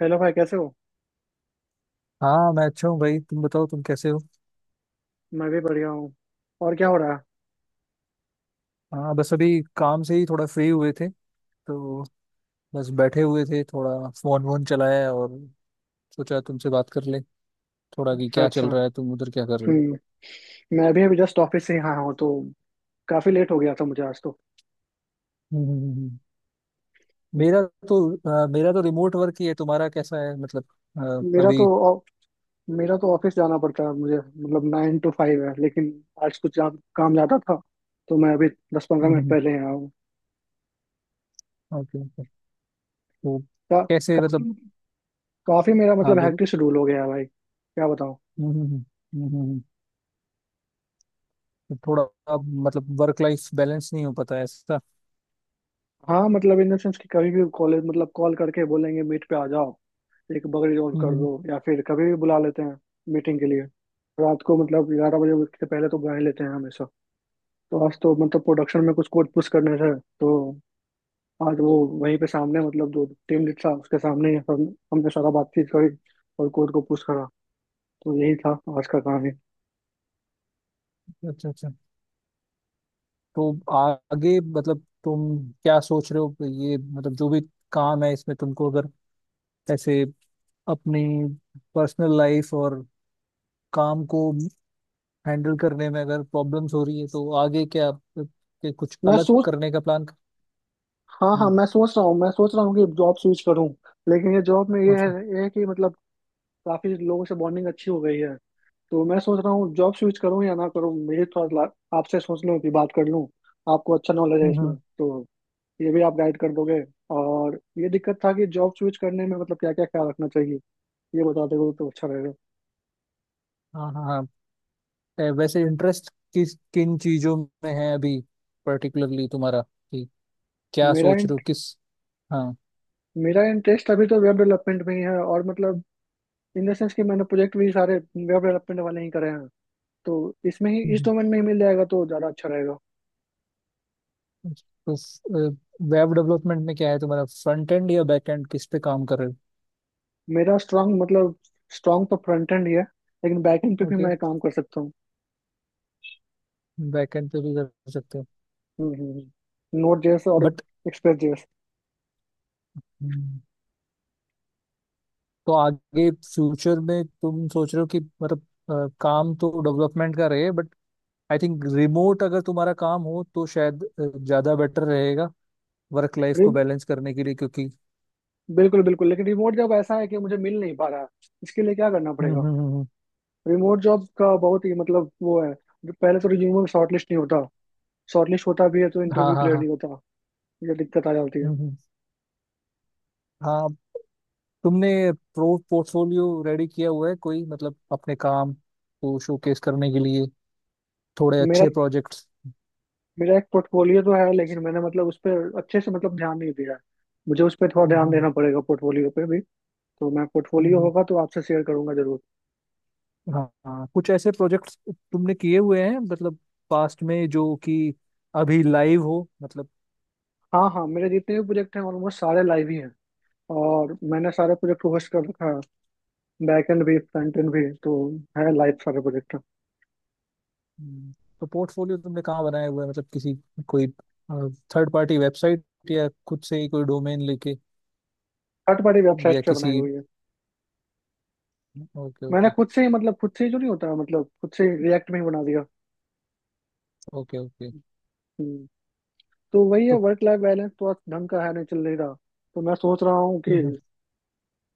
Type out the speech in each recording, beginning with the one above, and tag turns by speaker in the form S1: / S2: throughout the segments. S1: Hello भाई, कैसे हो?
S2: हाँ, मैं अच्छा हूँ भाई। तुम बताओ, तुम कैसे हो?
S1: मैं भी बढ़िया हूँ। और क्या हो रहा है?
S2: हाँ, बस अभी काम से ही थोड़ा फ्री हुए थे तो बस बैठे हुए थे, थोड़ा फोन वोन चलाया और सोचा तुमसे बात कर ले, थोड़ा कि
S1: अच्छा
S2: क्या चल
S1: अच्छा।
S2: रहा है, तुम उधर क्या कर रहे हो?
S1: हम्म। मैं भी अभी जस्ट ऑफिस से यहाँ हूँ, तो काफी लेट हो गया था मुझे आज तो।
S2: हम्म, हम्म, हम्म।
S1: हम्म।
S2: मेरा तो मेरा तो रिमोट वर्क ही है। तुम्हारा कैसा है मतलब?
S1: मेरा तो
S2: अभी।
S1: ऑ- मेरा तो ऑफिस जाना पड़ता है, मुझे मतलब नाइन टू फाइव है, लेकिन आज कुछ काम ज्यादा था, तो मैं अभी दस पंद्रह मिनट
S2: ओके
S1: पहले यहाँ हूँ।
S2: ओके। तो
S1: का,
S2: कैसे मतलब?
S1: काफी काफी मेरा
S2: हाँ,
S1: मतलब
S2: बोलो।
S1: हैक्टिक शेड्यूल हो गया है भाई, क्या बताऊँ।
S2: हम्म, हम्म, हम्म, हम्म, हम्म। तो थोड़ा, अब मतलब वर्क लाइफ बैलेंस नहीं हो पाता है ऐसा?
S1: हाँ, मतलब इन द सेंस कि कभी भी कॉलेज मतलब कॉल करके बोलेंगे मीट पे आ जाओ, एक बकरी रोल
S2: हम्म,
S1: कर
S2: हम्म,
S1: दो, या फिर कभी भी बुला लेते हैं मीटिंग के लिए। रात को मतलब ग्यारह बजे से पहले तो बुला ही लेते हैं हमेशा। तो आज तो मतलब प्रोडक्शन में कुछ कोड पुश करने थे, तो आज वो वहीं पे सामने मतलब जो टीम लीड था उसके सामने ही हम हमने सारा बातचीत करी और कोड को पुश करा। तो यही था आज का काम ही।
S2: अच्छा अच्छा। तो आगे मतलब तुम क्या सोच रहे हो? ये मतलब जो भी काम है इसमें तुमको अगर ऐसे अपनी पर्सनल लाइफ और काम को हैंडल करने में अगर प्रॉब्लम्स हो रही है तो आगे क्या के कुछ
S1: मैं
S2: अलग
S1: सोच
S2: करने का प्लान?
S1: हाँ हाँ,
S2: हम्म।
S1: मैं सोच रहा हूँ कि जॉब स्विच करूँ, लेकिन ये जॉब में ये है,
S2: अच्छा।
S1: ये है कि मतलब काफी लोगों से बॉन्डिंग अच्छी हो गई है। तो मैं सोच रहा हूँ जॉब स्विच करूँ या ना करूँ, ये थोड़ा आपसे सोच लूँ कि बात कर लूँ। आपको अच्छा नॉलेज है
S2: हम्म
S1: इसमें,
S2: हम्म,
S1: तो ये भी आप गाइड कर दोगे। और ये दिक्कत था कि जॉब स्विच करने में मतलब क्या क्या ख्याल रखना चाहिए, ये बता दोगे तो अच्छा रहेगा।
S2: हाँ हाँ हाँ। वैसे इंटरेस्ट किस किन चीजों में है अभी पर्टिकुलरली तुम्हारा? कि क्या
S1: मेरा
S2: सोच रहे हो
S1: int-
S2: किस? हाँ।
S1: मेरा इंटरेस्ट अभी तो वेब डेवलपमेंट में ही है, और मतलब इन द सेंस कि मैंने प्रोजेक्ट भी सारे वेब डेवलपमेंट वाले ही करे हैं। तो इसमें ही, इस डोमेन में ही मिल जाएगा तो ज़्यादा अच्छा रहेगा।
S2: तो वेब डेवलपमेंट में क्या है तुम्हारा, फ्रंट एंड या बैक एंड? किस पे काम कर रहे
S1: मेरा स्ट्रांग मतलब स्ट्रांग तो फ्रंट एंड ही है, लेकिन बैक एंड पे
S2: हो?
S1: भी
S2: ओके,
S1: मैं काम कर सकता हूँ।
S2: बैक एंड पे भी कर सकते हो।
S1: हम्म, नोट जेएस और
S2: बट
S1: एक्सप्रेस जेएस।
S2: तो आगे फ्यूचर में तुम सोच रहे हो कि मतलब काम तो डेवलपमेंट का रहे, बट आई थिंक रिमोट अगर तुम्हारा काम हो तो शायद ज्यादा बेटर रहेगा वर्क लाइफ को बैलेंस करने के लिए, क्योंकि...
S1: बिल्कुल बिल्कुल, लेकिन रिमोट जॉब ऐसा है कि मुझे मिल नहीं पा रहा है। इसके लिए क्या करना
S2: हम्म हम्म
S1: पड़ेगा?
S2: हम्म हम्म,
S1: रिमोट जॉब का बहुत ही मतलब वो है, जो पहले तो रिज्यूमे में शॉर्टलिस्ट नहीं होता, शॉर्टलिस्ट होता भी है तो
S2: हाँ
S1: इंटरव्यू
S2: हाँ
S1: क्लियर
S2: हाँ।
S1: नहीं होता। ये दिक्कत आ जाती है।
S2: हम्म। हाँ, तुमने प्रो पोर्टफोलियो रेडी किया हुआ है कोई, मतलब अपने काम को शोकेस करने के लिए, थोड़े
S1: मेरा
S2: अच्छे प्रोजेक्ट्स?
S1: मेरा एक पोर्टफोलियो तो है, लेकिन मैंने मतलब उस पर अच्छे से मतलब ध्यान नहीं दिया है। मुझे उस पर थोड़ा ध्यान
S2: हम्म
S1: देना पड़ेगा, पोर्टफोलियो पे भी। तो मैं, पोर्टफोलियो
S2: हम्म,
S1: होगा तो आपसे शेयर करूंगा जरूर।
S2: हाँ हाँ, कुछ ऐसे प्रोजेक्ट्स तुमने किए हुए हैं मतलब, पास्ट में, जो कि अभी लाइव हो मतलब?
S1: हाँ हाँ, मेरे जितने भी प्रोजेक्ट हैं ऑलमोस्ट सारे लाइव ही हैं, और मैंने सारे प्रोजेक्ट को होस्ट कर रखा है, बैकएंड भी फ्रंट एंड भी। तो है लाइफ सर्वर प्रोजेक्टर।
S2: हम्म, तो पोर्टफोलियो तुमने कहाँ बनाया हुआ है, मतलब किसी, कोई थर्ड पार्टी वेबसाइट या खुद से ही कोई डोमेन लेके,
S1: थर्ड पार्टी
S2: या
S1: वेबसाइट से
S2: किसी?
S1: बनाई हुई है।
S2: ओके
S1: मैंने
S2: ओके।
S1: खुद से ही मतलब खुद से ही जो नहीं होता मतलब खुद से रिएक्ट में ही बना दिया।
S2: Okay okay.
S1: हम्म। तो वही है,
S2: तो?
S1: वर्क लाइफ बैलेंस तो आज ढंग का है नहीं, चल नहीं रहा। तो मैं सोच रहा हूँ
S2: हम्म
S1: कि
S2: हम्म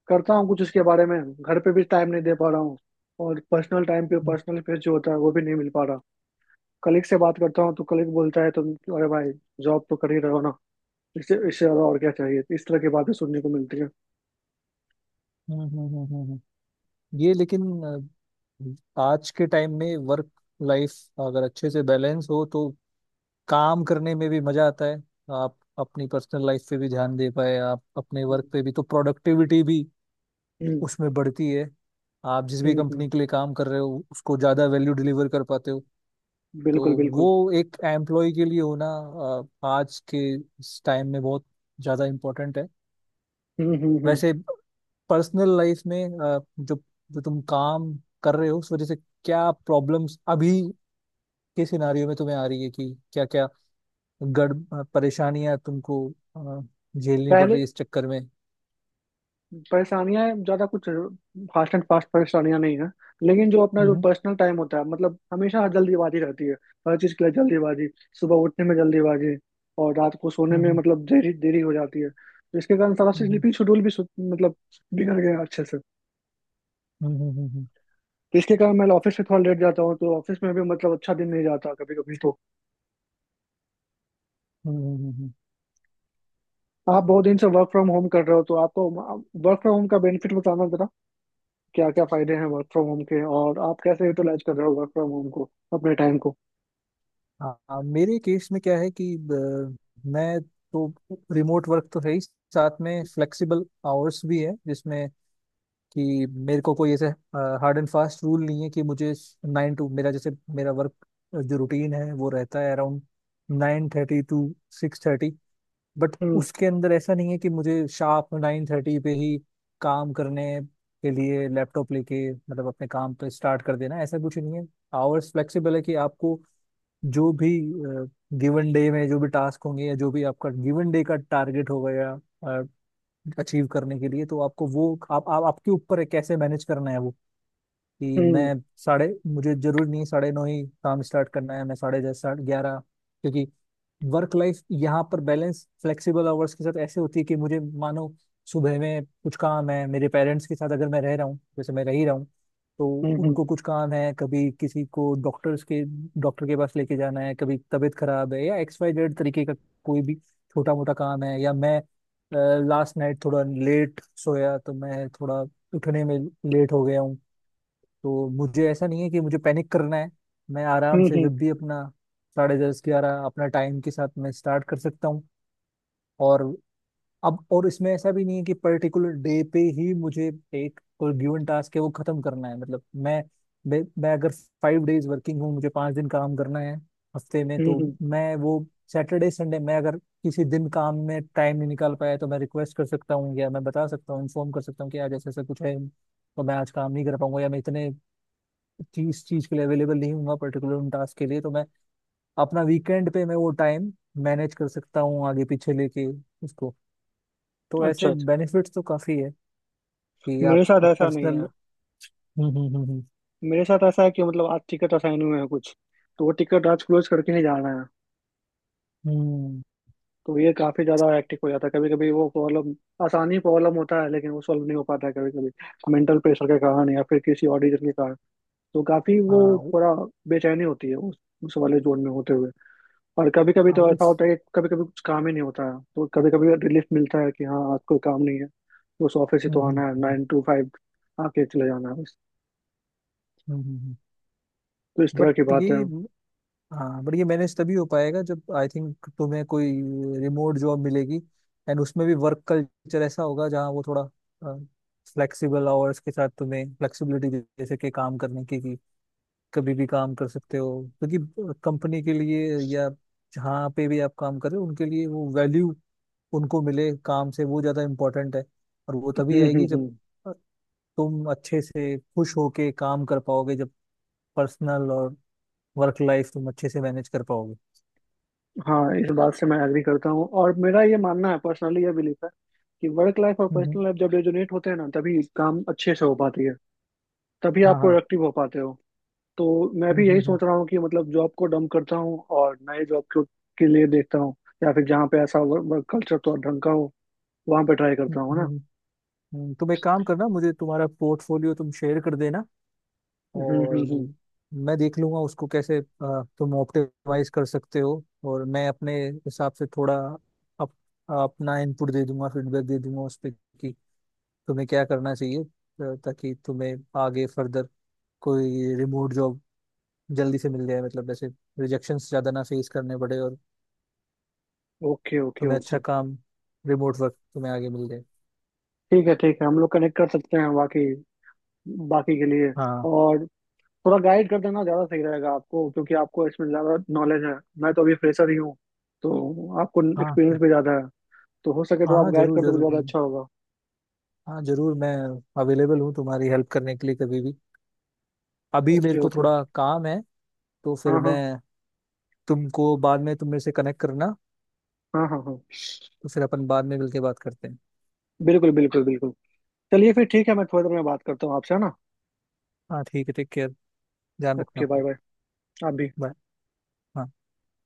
S1: करता हूँ कुछ इसके बारे में। घर पे भी टाइम नहीं दे पा रहा हूँ, और पर्सनल टाइम पे पर्सनल स्पेस जो होता है वो भी नहीं मिल पा रहा। कलीग से बात करता हूँ तो कलीग बोलता है, तुम अरे भाई, जॉब तो कर ही रहे हो ना, इससे इससे ज्यादा और क्या चाहिए, इस तरह की बातें सुनने को मिलती है।
S2: हम्म हम्म हम्म, हम्म, हम्म। हम्म, ये लेकिन आज के टाइम में वर्क लाइफ अगर अच्छे से बैलेंस हो तो काम करने में भी मजा आता है। आप अपनी पर्सनल लाइफ पे भी ध्यान दे पाए, आप अपने
S1: हम्म,
S2: वर्क पे भी, तो प्रोडक्टिविटी भी
S1: हम्म,
S2: उसमें बढ़ती है। आप जिस भी
S1: हम्म, हम्म।
S2: कंपनी के लिए काम कर रहे हो उसको ज़्यादा वैल्यू डिलीवर कर पाते हो। तो
S1: बिल्कुल बिल्कुल।
S2: वो एक एम्प्लॉय के लिए होना आज के इस टाइम में बहुत ज़्यादा इम्पोर्टेंट है।
S1: हम्म, हम्म,
S2: वैसे पर्सनल लाइफ में जो जो तुम काम कर रहे हो उस वजह से क्या प्रॉब्लम्स अभी के सिनारियो में तुम्हें आ रही है, कि क्या क्या गड़ परेशानियां तुमको अ, झेलनी पड़ रही
S1: पहले
S2: है इस चक्कर में?
S1: परेशानियां ज्यादा कुछ फास्ट एंड फास्ट परेशानियां नहीं है, लेकिन जो अपना जो
S2: हम्म
S1: पर्सनल टाइम होता है मतलब हमेशा जल्दीबाजी रहती है। हर चीज के लिए जल्दीबाजी। सुबह उठने में जल्दीबाजी, और रात को सोने में
S2: हम्म
S1: मतलब देरी देरी हो जाती है। तो इसके कारण सारा
S2: हम्म
S1: स्लीपिंग शेड्यूल भी मतलब बिगड़ गया अच्छे से।
S2: हम्म हम्म हम्म
S1: तो इसके कारण मैं ऑफिस से थोड़ा लेट जाता हूँ, तो ऑफिस में भी मतलब अच्छा दिन नहीं जाता कभी कभी। तो
S2: हम्म, हम्म।
S1: आप बहुत दिन से वर्क फ्रॉम होम कर रहे हो, तो आपको वर्क फ्रॉम होम का बेनिफिट बताना, क्या क्या फायदे हैं वर्क फ्रॉम होम के, और आप कैसे यूटिलाइज कर रहे हो वर्क फ्रॉम होम को, अपने टाइम को।
S2: हाँ हाँ, मेरे केस में क्या है कि मैं तो रिमोट वर्क तो है ही, साथ में फ्लेक्सिबल आवर्स भी है, जिसमें कि मेरे को कोई ऐसे हार्ड एंड फास्ट रूल नहीं है कि मुझे नाइन टू मेरा, जैसे मेरा वर्क जो रूटीन है वो रहता है अराउंड 9:30 टू 6। बट
S1: हम्म,
S2: उसके अंदर ऐसा नहीं है कि मुझे शार्प 9:30 पे ही काम करने के लिए लैपटॉप लेके, मतलब अपने काम पे स्टार्ट कर देना, ऐसा कुछ नहीं है। आवर्स फ्लेक्सिबल है कि आपको जो भी गिवन डे में जो भी टास्क होंगे, या जो भी आपका गिवन डे का टारगेट होगा या अचीव करने के लिए, तो आपको वो आप आपके ऊपर है कैसे मैनेज करना है वो। कि
S1: हम्म,
S2: मैं साढ़े मुझे जरूरी नहीं 9:30 ही काम स्टार्ट करना है, मैं 10:30 11:30। क्योंकि वर्क लाइफ यहाँ पर बैलेंस फ्लेक्सिबल आवर्स के साथ ऐसे होती है कि मुझे मानो सुबह में कुछ काम है, मेरे पेरेंट्स के साथ अगर मैं रह रहा हूँ, जैसे मैं रह ही रहा हूँ, तो
S1: हम्म, हम्म,
S2: उनको कुछ काम है, कभी किसी को डॉक्टर के पास लेके जाना है, कभी तबीयत खराब है या XYZ तरीके का कोई भी छोटा मोटा काम है, या मैं लास्ट नाइट थोड़ा लेट सोया तो मैं थोड़ा उठने में लेट हो गया हूँ, तो मुझे ऐसा नहीं है कि मुझे पैनिक करना है। मैं आराम
S1: हम्म,
S2: से
S1: हम्म,
S2: जब भी अपना 10:30 11, अपना टाइम के साथ मैं स्टार्ट कर सकता हूँ। और अब, और इसमें ऐसा भी नहीं है कि पर्टिकुलर डे पे ही मुझे एक कोई गिवन टास्क है वो खत्म करना है, मतलब मैं अगर 5 डेज वर्किंग हूँ, मुझे 5 दिन काम करना है हफ्ते में, तो
S1: हम्म।
S2: मैं वो सैटरडे संडे, मैं अगर किसी दिन काम में टाइम नहीं निकाल पाया तो मैं रिक्वेस्ट कर सकता हूँ या मैं बता सकता हूँ, इन्फॉर्म कर सकता हूँ कि आज ऐसा ऐसा कुछ है, तो मैं आज काम नहीं कर पाऊंगा या मैं इतने चीज चीज के लिए अवेलेबल नहीं हूँ, पर्टिकुलर उन टास्क के लिए, तो मैं अपना वीकेंड पे मैं वो टाइम मैनेज कर सकता हूँ आगे पीछे लेके उसको। तो
S1: अच्छा
S2: ऐसे
S1: अच्छा।
S2: बेनिफिट्स तो काफी है कि
S1: मेरे
S2: आप,
S1: साथ
S2: आप
S1: ऐसा नहीं
S2: पर्सनल।
S1: है।
S2: हम्म हम्म हम्म
S1: मेरे साथ ऐसा है कि मतलब आज टिकट असाइन हुए हैं कुछ, तो वो टिकट आज क्लोज करके ही जाना है।
S2: हम्म हम्म,
S1: तो ये काफी ज्यादा हेक्टिक हो जाता है कभी कभी। वो प्रॉब्लम, आसानी प्रॉब्लम होता है लेकिन वो सॉल्व नहीं हो पाता है कभी कभी, मेंटल प्रेशर के कारण या फिर किसी और रीजन के कारण। तो काफी वो
S2: हाँ
S1: थोड़ा बेचैनी होती है उस वाले जोन में होते हुए। और कभी कभी
S2: हाँ,
S1: तो ऐसा
S2: उस।
S1: होता है कि कभी कभी कुछ काम ही नहीं होता है, तो कभी कभी रिलीफ मिलता है कि हाँ आज कोई काम नहीं है, बस ऑफिस ही तो
S2: हम्म हम्म
S1: आना है,
S2: हम्म
S1: नाइन टू फाइव आके चले जाना है बस।
S2: हम्म।
S1: तो इस तरह की
S2: बट
S1: बात है।
S2: ये हाँ, बट ये मैनेज तभी हो पाएगा जब आई थिंक तुम्हें कोई रिमोट जॉब मिलेगी। एंड उसमें भी वर्क कल्चर ऐसा होगा जहाँ वो थोड़ा फ्लेक्सिबल आवर्स के साथ तुम्हें फ्लेक्सिबिलिटी, जैसे कि काम करने की कभी भी काम कर सकते हो, क्योंकि कंपनी के लिए या जहाँ पे भी आप काम कर रहे हो उनके लिए वो वैल्यू उनको मिले काम से, वो ज़्यादा इम्पोर्टेंट है। और वो तभी
S1: हम्म, हम्म,
S2: आएगी जब
S1: हम्म।
S2: अ, तुम अच्छे से खुश होके काम कर पाओगे, जब पर्सनल और वर्क लाइफ तुम अच्छे से मैनेज कर पाओगे।
S1: हाँ, इस बात से मैं एग्री करता हूँ, और मेरा ये मानना है, पर्सनली ये बिलीफ है कि वर्क लाइफ और
S2: हम्म हम्म,
S1: पर्सनल लाइफ जब रेजोनेट होते हैं ना, तभी काम अच्छे से हो पाती है, तभी
S2: हाँ
S1: आप
S2: हाँ।
S1: प्रोडक्टिव हो पाते हो। तो मैं
S2: हम्म
S1: भी यही
S2: हम्म हम्म
S1: सोच रहा हूँ कि मतलब जॉब को डंप करता हूँ और नए जॉब के लिए देखता हूँ, या फिर जहाँ पे ऐसा वर्क कल्चर तो ढंग का हो, वहां पे ट्राई
S2: हम्म,
S1: करता हूँ ना।
S2: हम्म, तुम एक काम करना, मुझे तुम्हारा पोर्टफोलियो तुम शेयर कर देना,
S1: हम्म, हम्म,
S2: और
S1: हम्म।
S2: मैं देख लूंगा उसको कैसे तुम ऑप्टिमाइज कर सकते हो, और मैं अपने हिसाब से थोड़ा अप, अपना इनपुट दे दूंगा, फीडबैक दे दूंगा उस पर कि तुम्हें क्या करना चाहिए, ताकि तुम्हें आगे फर्दर कोई रिमोट जॉब जल्दी से मिल जाए, मतलब ऐसे रिजेक्शन ज्यादा ना फेस करने पड़े, और
S1: ओके ओके
S2: तुम्हें
S1: ओके।
S2: अच्छा काम, रिमोट वर्क तुम्हें आगे मिल जाए।
S1: ठीक है ठीक है, हम लोग कनेक्ट कर सकते हैं, बाकी बाकी के लिए।
S2: हाँ
S1: और थोड़ा गाइड कर देना ज़्यादा सही रहेगा आपको, क्योंकि आपको इसमें ज़्यादा नॉलेज है। मैं तो अभी फ्रेशर ही हूँ, तो आपको
S2: हाँ
S1: एक्सपीरियंस भी ज़्यादा है। तो हो सके तो
S2: हाँ। हाँ
S1: आप गाइड
S2: जरूर
S1: कर दोगे,
S2: जरूर।
S1: ज़्यादा अच्छा होगा।
S2: हाँ जरूर, मैं अवेलेबल हूँ तुम्हारी हेल्प करने के लिए कभी भी। अभी
S1: ओके
S2: मेरे को
S1: ओके।
S2: थोड़ा काम है, तो फिर
S1: हाँ
S2: मैं
S1: हाँ
S2: तुमको बाद में, तुम मेरे से कनेक्ट करना,
S1: हाँ, हाँ हाँ।
S2: तो फिर अपन बाद में मिलके बात करते हैं।
S1: बिल्कुल बिल्कुल बिल्कुल। चलिए फिर ठीक है, मैं थोड़ी देर में बात करता हूँ आपसे, है ना।
S2: हाँ ठीक है, टेक केयर, ध्यान रखना
S1: ओके,
S2: अपना।
S1: Bye bye. आप भी।
S2: बाय। हाँ।